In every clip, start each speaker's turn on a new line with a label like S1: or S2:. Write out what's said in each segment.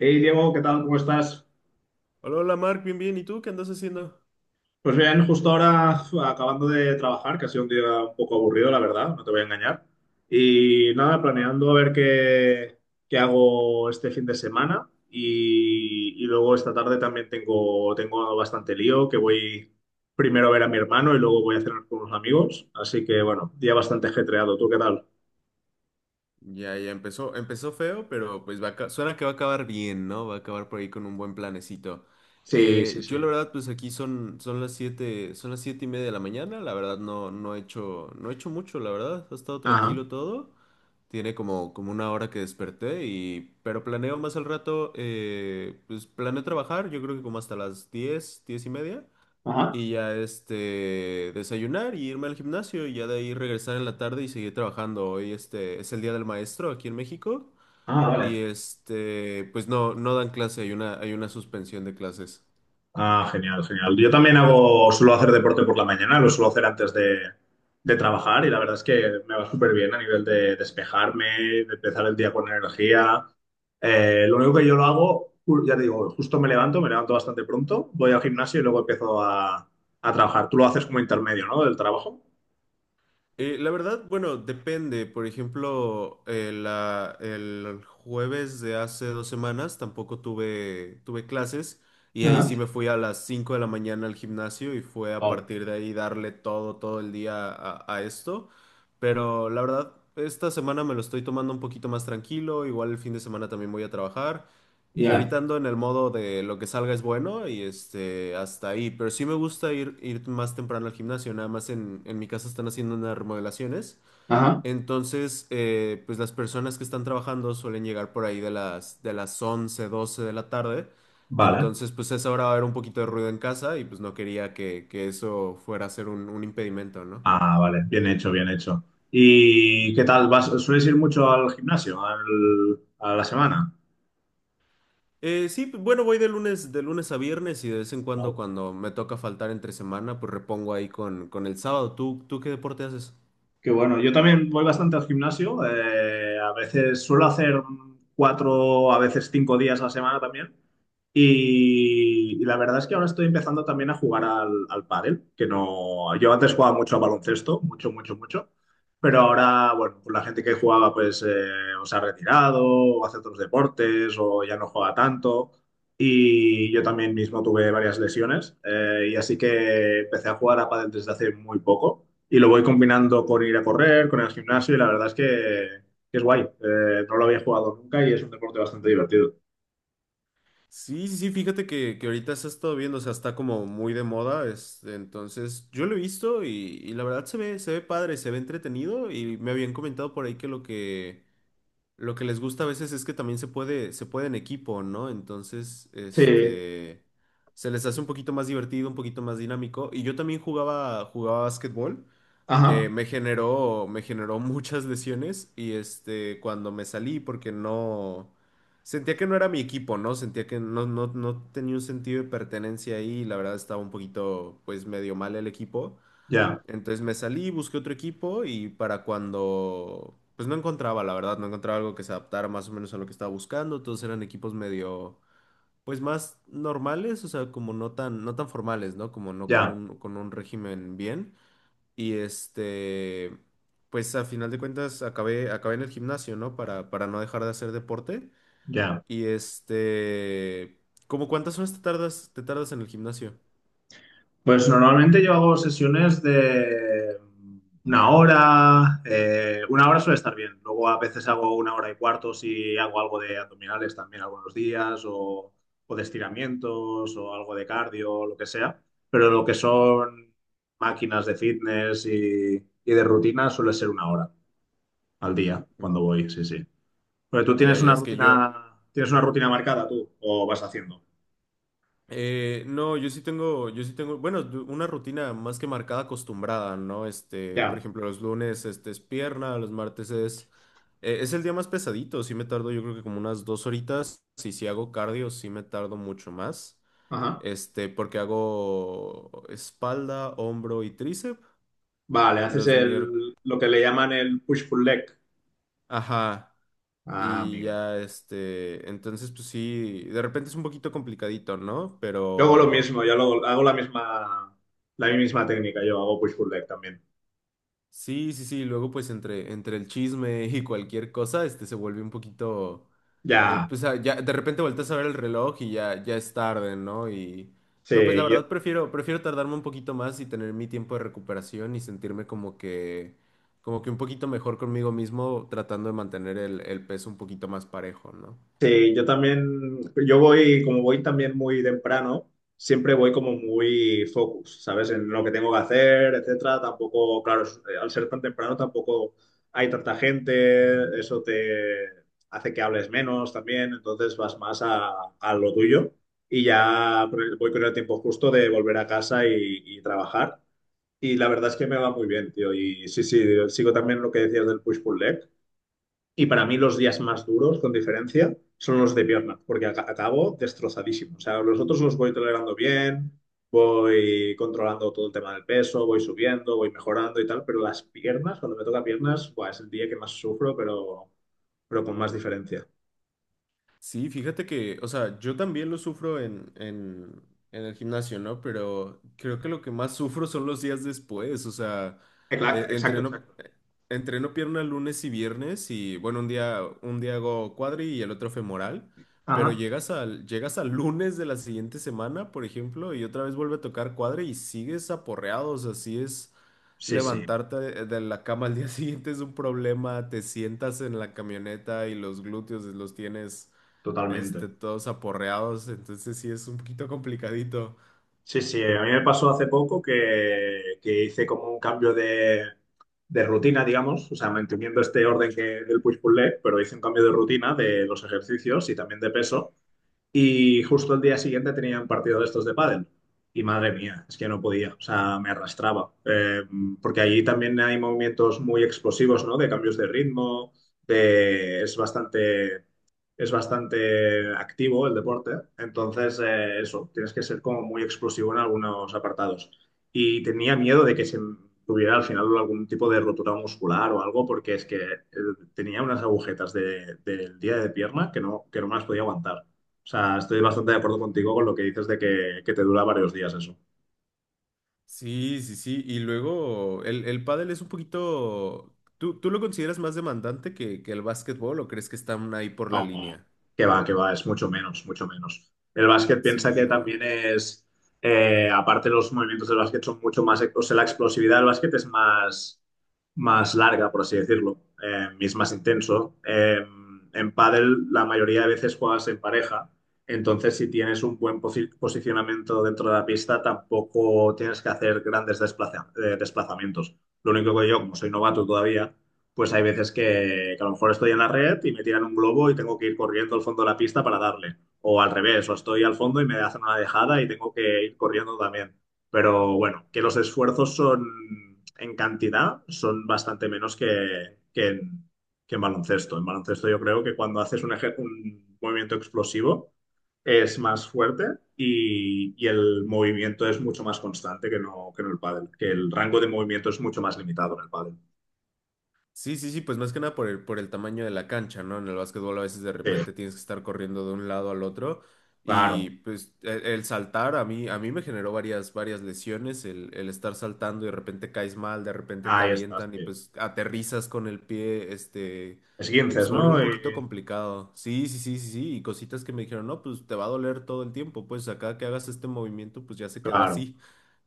S1: Hey Diego, ¿qué tal? ¿Cómo estás?
S2: Hola, hola Mark, bien, bien. ¿Y tú qué andas haciendo?
S1: Pues bien, justo ahora acabando de trabajar, que ha sido un día un poco aburrido, la verdad, no te voy a engañar. Y nada, planeando a ver qué hago este fin de semana. Y luego esta tarde también tengo bastante lío, que voy primero a ver a mi hermano y luego voy a cenar con unos amigos. Así que bueno, día bastante ajetreado. ¿Tú qué tal?
S2: Ya, ya empezó feo, pero pues suena que va a acabar bien, ¿no? Va a acabar por ahí con un buen planecito.
S1: Sí, sí,
S2: Yo
S1: sí.
S2: la verdad, pues aquí son las 7:30 de la mañana. La verdad no, no he hecho mucho, la verdad. Ha estado
S1: Ajá.
S2: tranquilo todo. Tiene como una hora que desperté pero planeo más al rato, pues planeo trabajar, yo creo que como hasta las 10, 10:30.
S1: Ajá.
S2: Y ya este, desayunar y irme al gimnasio y ya de ahí regresar en la tarde y seguir trabajando. Hoy este es el Día del Maestro aquí en México
S1: Ah,
S2: y
S1: vale.
S2: este, pues no, no dan clase, hay una suspensión de clases.
S1: Ah, genial, genial. Yo también hago, suelo hacer deporte por la mañana, lo suelo hacer antes de trabajar y la verdad es que me va súper bien a nivel de despejarme, de empezar el día con energía. Lo único que yo lo hago, ya te digo, justo me levanto bastante pronto, voy al gimnasio y luego empiezo a trabajar. Tú lo haces como intermedio, ¿no? Del trabajo.
S2: La verdad, bueno, depende. Por ejemplo, el jueves de hace 2 semanas tampoco tuve clases y ahí sí
S1: Ajá.
S2: me fui a las 5 de la mañana al gimnasio y fue a
S1: Wow.
S2: partir de ahí darle todo, todo el día a esto. Pero la verdad, esta semana me lo estoy tomando un poquito más tranquilo. Igual el fin de semana también voy a trabajar. Y
S1: Ya.
S2: ahorita ando en el modo de lo que salga es bueno y este, hasta ahí. Pero sí me gusta ir más temprano al gimnasio. Nada más en mi casa están haciendo unas remodelaciones.
S1: Ajá.
S2: Entonces, pues las personas que están trabajando suelen llegar por ahí de las 11 12 de la tarde.
S1: Vale.
S2: Entonces, pues a esa hora va a haber un poquito de ruido en casa y pues no quería que eso fuera a ser un impedimento, ¿no?
S1: Ah, vale. Bien hecho, bien hecho. ¿Y qué tal? ¿Vas, sueles ir mucho al gimnasio a la semana?
S2: Sí, bueno, voy de lunes a viernes y de vez en cuando
S1: Wow.
S2: cuando me toca faltar entre semana, pues repongo ahí con el sábado. ¿Tú qué deporte haces?
S1: Qué bueno. Yo también voy bastante al gimnasio. A veces suelo hacer cuatro, a veces 5 días a la semana también. Y la verdad es que ahora estoy empezando también a jugar al pádel, que no, yo antes jugaba mucho a baloncesto, mucho, mucho, mucho, pero ahora, bueno, pues la gente que jugaba pues o se ha retirado, o hace otros deportes, o ya no juega tanto, y yo también mismo tuve varias lesiones, y así que empecé a jugar a pádel desde hace muy poco y lo voy combinando con ir a correr, con el gimnasio y la verdad es que es guay. No lo había jugado nunca y es un deporte bastante divertido.
S2: Sí, sí, sí, fíjate que ahorita se ha estado viendo, o sea, está como muy de moda, este, entonces yo lo he visto y la verdad se ve padre, se ve entretenido y me habían comentado por ahí que lo que les gusta a veces es que también se puede en equipo, ¿no? Entonces,
S1: Sí,
S2: este, se les hace un poquito más divertido, un poquito más dinámico y yo también jugaba básquetbol. eh,
S1: ajá,
S2: me generó, me generó muchas lesiones y este, cuando me salí porque no, sentía que no era mi equipo, ¿no? Sentía que no tenía un sentido de pertenencia ahí y la verdad estaba un poquito, pues medio mal el equipo.
S1: ya,
S2: Entonces me salí, busqué otro equipo y para cuando, pues no encontraba, la verdad, no encontraba algo que se adaptara más o menos a lo que estaba buscando. Todos eran equipos medio, pues más normales, o sea, como no tan formales, ¿no? Como no con
S1: ya,
S2: un, con un régimen bien. Y este, pues a final de cuentas acabé en el gimnasio, ¿no? Para no dejar de hacer deporte.
S1: ya.
S2: Y este, ¿cómo cuántas horas te tardas en el gimnasio?
S1: Pues normalmente yo hago sesiones de una hora suele estar bien. Luego a veces hago una hora y cuarto si hago algo de abdominales también algunos días o de estiramientos o algo de cardio, lo que sea. Pero lo que son máquinas de fitness y de rutina suele ser una hora al día
S2: Mm.
S1: cuando voy, sí, sí. Porque tú
S2: Ya,
S1: tienes
S2: ya,
S1: una
S2: es que yo,
S1: rutina, tienes una rutina marcada tú o vas haciendo.
S2: no, yo sí tengo, bueno, una rutina más que marcada, acostumbrada, ¿no? Este, por
S1: Ya,
S2: ejemplo, los lunes, este, es pierna, los martes es el día más pesadito, sí me tardo yo creo que como unas 2 horitas, y si hago cardio, sí me tardo mucho más.
S1: ajá.
S2: Este, porque hago espalda, hombro y tríceps
S1: Vale, haces
S2: los miércoles.
S1: el, lo que le llaman el push-pull leg.
S2: Ajá.
S1: Ah,
S2: Y
S1: amigo.
S2: ya, este, entonces, pues sí, de repente es un poquito complicadito, ¿no?
S1: Yo hago lo
S2: Pero,
S1: mismo, yo hago la misma técnica, yo hago push pull leg también.
S2: sí, sí, sí, luego pues entre el chisme y cualquier cosa, este se vuelve un poquito,
S1: Ya,
S2: pues ah, ya de repente volteas a ver el reloj y ya, ya es tarde, ¿no? Y pero pues la
S1: sí,
S2: verdad prefiero tardarme un poquito más y tener mi tiempo de recuperación y sentirme como que un poquito mejor conmigo mismo tratando de mantener el peso un poquito más parejo, ¿no?
S1: sí, yo también, yo voy, como voy también muy temprano, siempre voy como muy focus, ¿sabes? En lo que tengo que hacer, etcétera. Tampoco, claro, al ser tan temprano tampoco hay tanta gente, eso te hace que hables menos también, entonces vas más a lo tuyo y ya pues, voy con el tiempo justo de volver a casa y trabajar. Y la verdad es que me va muy bien, tío. Y sí, sí, sigo también lo que decías del push-pull leg. Y para mí los días más duros, con diferencia, son los de pierna, porque acabo destrozadísimo. O sea, los otros los voy tolerando bien, voy controlando todo el tema del peso, voy subiendo, voy mejorando y tal, pero las piernas, cuando me toca piernas, buah, es el día que más sufro, pero con más diferencia.
S2: Sí, fíjate que, o sea, yo también lo sufro en el gimnasio, ¿no? Pero creo que lo que más sufro son los días después, o sea,
S1: Claro,
S2: eh,
S1: exacto,
S2: entreno,
S1: exacto.
S2: eh, entreno pierna lunes y viernes y, bueno, un día hago cuadri y el otro femoral, pero
S1: Ajá.
S2: llegas al lunes de la siguiente semana, por ejemplo, y otra vez vuelve a tocar cuadri y sigues aporreado, o sea, así es
S1: Sí, sí,
S2: levantarte de la cama al día siguiente es un problema, te sientas en la camioneta y los glúteos los tienes este,
S1: totalmente.
S2: todos aporreados, entonces sí es un poquito complicadito.
S1: Sí, sí, a mí me pasó hace poco que hice como un cambio de rutina, digamos, o sea, manteniendo este orden que, del push-pull leg, pero hice un cambio de rutina de los ejercicios y también de peso. Y justo el día siguiente tenía un partido de estos de pádel. Y madre mía, es que no podía, o sea, me arrastraba. Porque allí también hay movimientos muy explosivos, ¿no? De cambios de ritmo, de... es bastante, es bastante activo el deporte. Entonces, eso, tienes que ser como muy explosivo en algunos apartados. Y tenía miedo de que se tuviera al final algún tipo de rotura muscular o algo, porque es que tenía unas agujetas del día de pierna que no me las podía aguantar. O sea, estoy bastante de acuerdo contigo con lo que dices de que te dura varios días eso.
S2: Sí, sí, sí, y luego el pádel es un poquito. ¿Tú lo consideras más demandante que el básquetbol o crees que están ahí por
S1: No,
S2: la línea?
S1: que va, es mucho menos, mucho menos. El básquet piensa
S2: Sí,
S1: que
S2: ¿no?
S1: también es, aparte los movimientos del básquet son mucho más, o sea, la explosividad del básquet es más larga, por así decirlo, y es más intenso. En pádel la mayoría de veces juegas en pareja, entonces si tienes un buen posicionamiento dentro de la pista, tampoco tienes que hacer grandes desplazamientos. Lo único que yo, como soy novato todavía, pues hay veces que a lo mejor estoy en la red y me tiran un globo y tengo que ir corriendo al fondo de la pista para darle. O al revés, o estoy al fondo y me hacen una dejada y tengo que ir corriendo también. Pero bueno, que los esfuerzos son en cantidad, son bastante menos que en baloncesto. En baloncesto yo creo que cuando haces un movimiento explosivo es más fuerte y el movimiento es mucho más constante que no, que en el pádel, que el rango de movimiento es mucho más limitado en el pádel.
S2: Sí, sí, sí, pues más que nada por el tamaño de la cancha, ¿no? En el básquetbol a veces de
S1: Sí,
S2: repente tienes que estar corriendo de un lado al otro
S1: claro,
S2: y pues el saltar a mí me generó varias, varias lesiones, el estar saltando y de repente caes mal, de repente te
S1: ahí estás,
S2: avientan y
S1: sí.
S2: pues aterrizas con el pie, este, y pues
S1: Esguinces,
S2: se vuelve un
S1: ¿no?
S2: poquito
S1: Y,
S2: complicado. Sí, sí, sí, sí, sí, y cositas que me dijeron, no, pues te va a doler todo el tiempo, pues acá que hagas este movimiento, pues ya se quedó
S1: claro,
S2: así,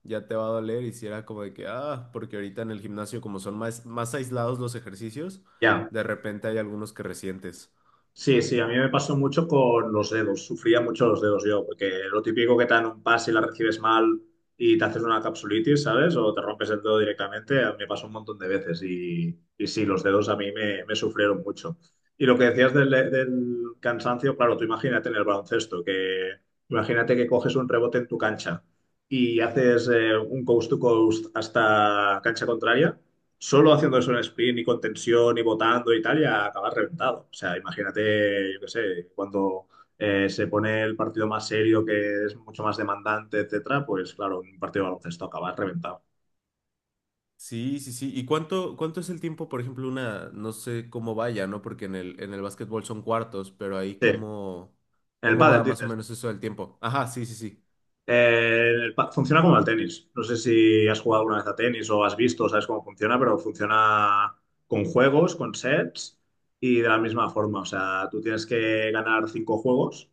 S2: ya te va a doler. Y si era como de que, ah, porque ahorita en el gimnasio como son más, más aislados los ejercicios,
S1: ya.
S2: de repente hay algunos que resientes.
S1: Sí, sí, a mí me pasó mucho con los dedos. Sufría mucho los dedos yo, porque lo típico que te dan un pase y la recibes mal y te haces una capsulitis, ¿sabes? O te rompes el dedo directamente, a mí me pasó un montón de veces. Y sí, los dedos a mí me sufrieron mucho. Y lo que decías del cansancio, claro, tú imagínate en el baloncesto, que imagínate que coges un rebote en tu cancha y haces un coast to coast hasta cancha contraria. Solo haciendo eso en sprint y con tensión y botando y tal, ya acabas reventado. O sea, imagínate, yo qué sé, cuando se pone el partido más serio, que es mucho más demandante, etcétera, pues claro, un partido de baloncesto acabas reventado.
S2: Sí, sí, sí. ¿Y cuánto es el tiempo, por ejemplo, una, no sé cómo vaya, ¿no? Porque en el básquetbol son cuartos, pero ahí
S1: Sí, en
S2: cómo,
S1: el
S2: cómo
S1: pádel
S2: va más o
S1: dices.
S2: menos eso del tiempo. Ajá, sí, sí, sí.
S1: Funciona como el tenis. No sé si has jugado alguna vez a tenis o has visto, sabes cómo funciona, pero funciona con juegos, con sets y de la misma forma. O sea, tú tienes que ganar cinco juegos.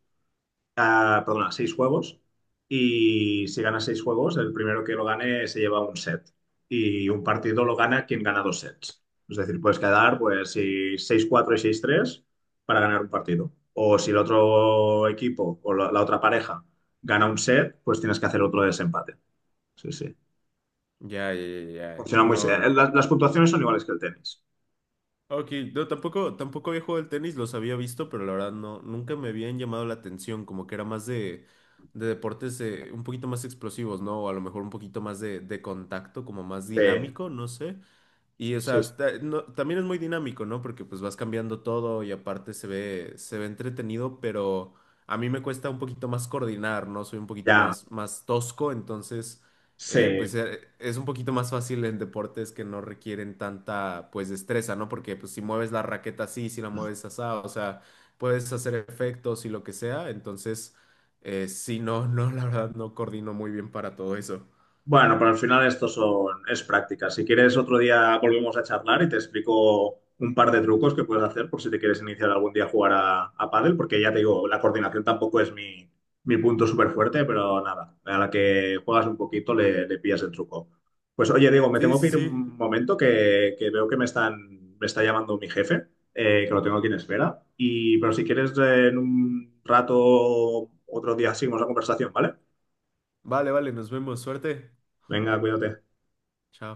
S1: Ah, perdona, seis juegos. Y si gana seis juegos, el primero que lo gane se lleva un set. Y un partido lo gana quien gana dos sets. Es decir, puedes quedar pues si 6-4 y 6-3 para ganar un partido. O si el otro equipo o la otra pareja gana un set, pues tienes que hacer otro desempate. Sí, sí.
S2: Ya, ya, ya, ya.
S1: Funciona muy... eh,
S2: No.
S1: Las, las puntuaciones son iguales que el tenis.
S2: Ok, no, tampoco había jugado al tenis, los había visto, pero la verdad no, nunca me habían llamado la atención, como que era más de deportes un poquito más explosivos, ¿no? O a lo mejor un poquito más de contacto, como más
S1: Sí,
S2: dinámico, no sé. Y, o sea,
S1: sí, sí.
S2: también es muy dinámico, ¿no? Porque pues vas cambiando todo y aparte se ve entretenido, pero a mí me cuesta un poquito más coordinar, ¿no? Soy un poquito
S1: Ya,
S2: más, más tosco, entonces, pues
S1: sí.
S2: es un poquito más fácil en deportes que no requieren tanta, pues, destreza, ¿no? Porque pues si mueves la raqueta así, si la mueves asá, o sea, puedes hacer efectos y lo que sea, entonces, sí, no, no, la verdad no coordino muy bien para todo eso.
S1: Bueno, pero al final esto es práctica. Si quieres, otro día volvemos a charlar y te explico un par de trucos que puedes hacer por si te quieres iniciar algún día a jugar a pádel, porque ya te digo, la coordinación tampoco es mi punto súper fuerte, pero nada, a la que juegas un poquito le pillas el truco. Pues oye, Diego, me
S2: Sí,
S1: tengo que
S2: sí,
S1: ir
S2: sí.
S1: un momento que veo que me está llamando mi jefe, que lo tengo aquí en espera. Pero si quieres, en un rato, otro día seguimos la conversación, ¿vale?
S2: Vale, vale, nos vemos. Suerte.
S1: Venga, cuídate.
S2: Chao.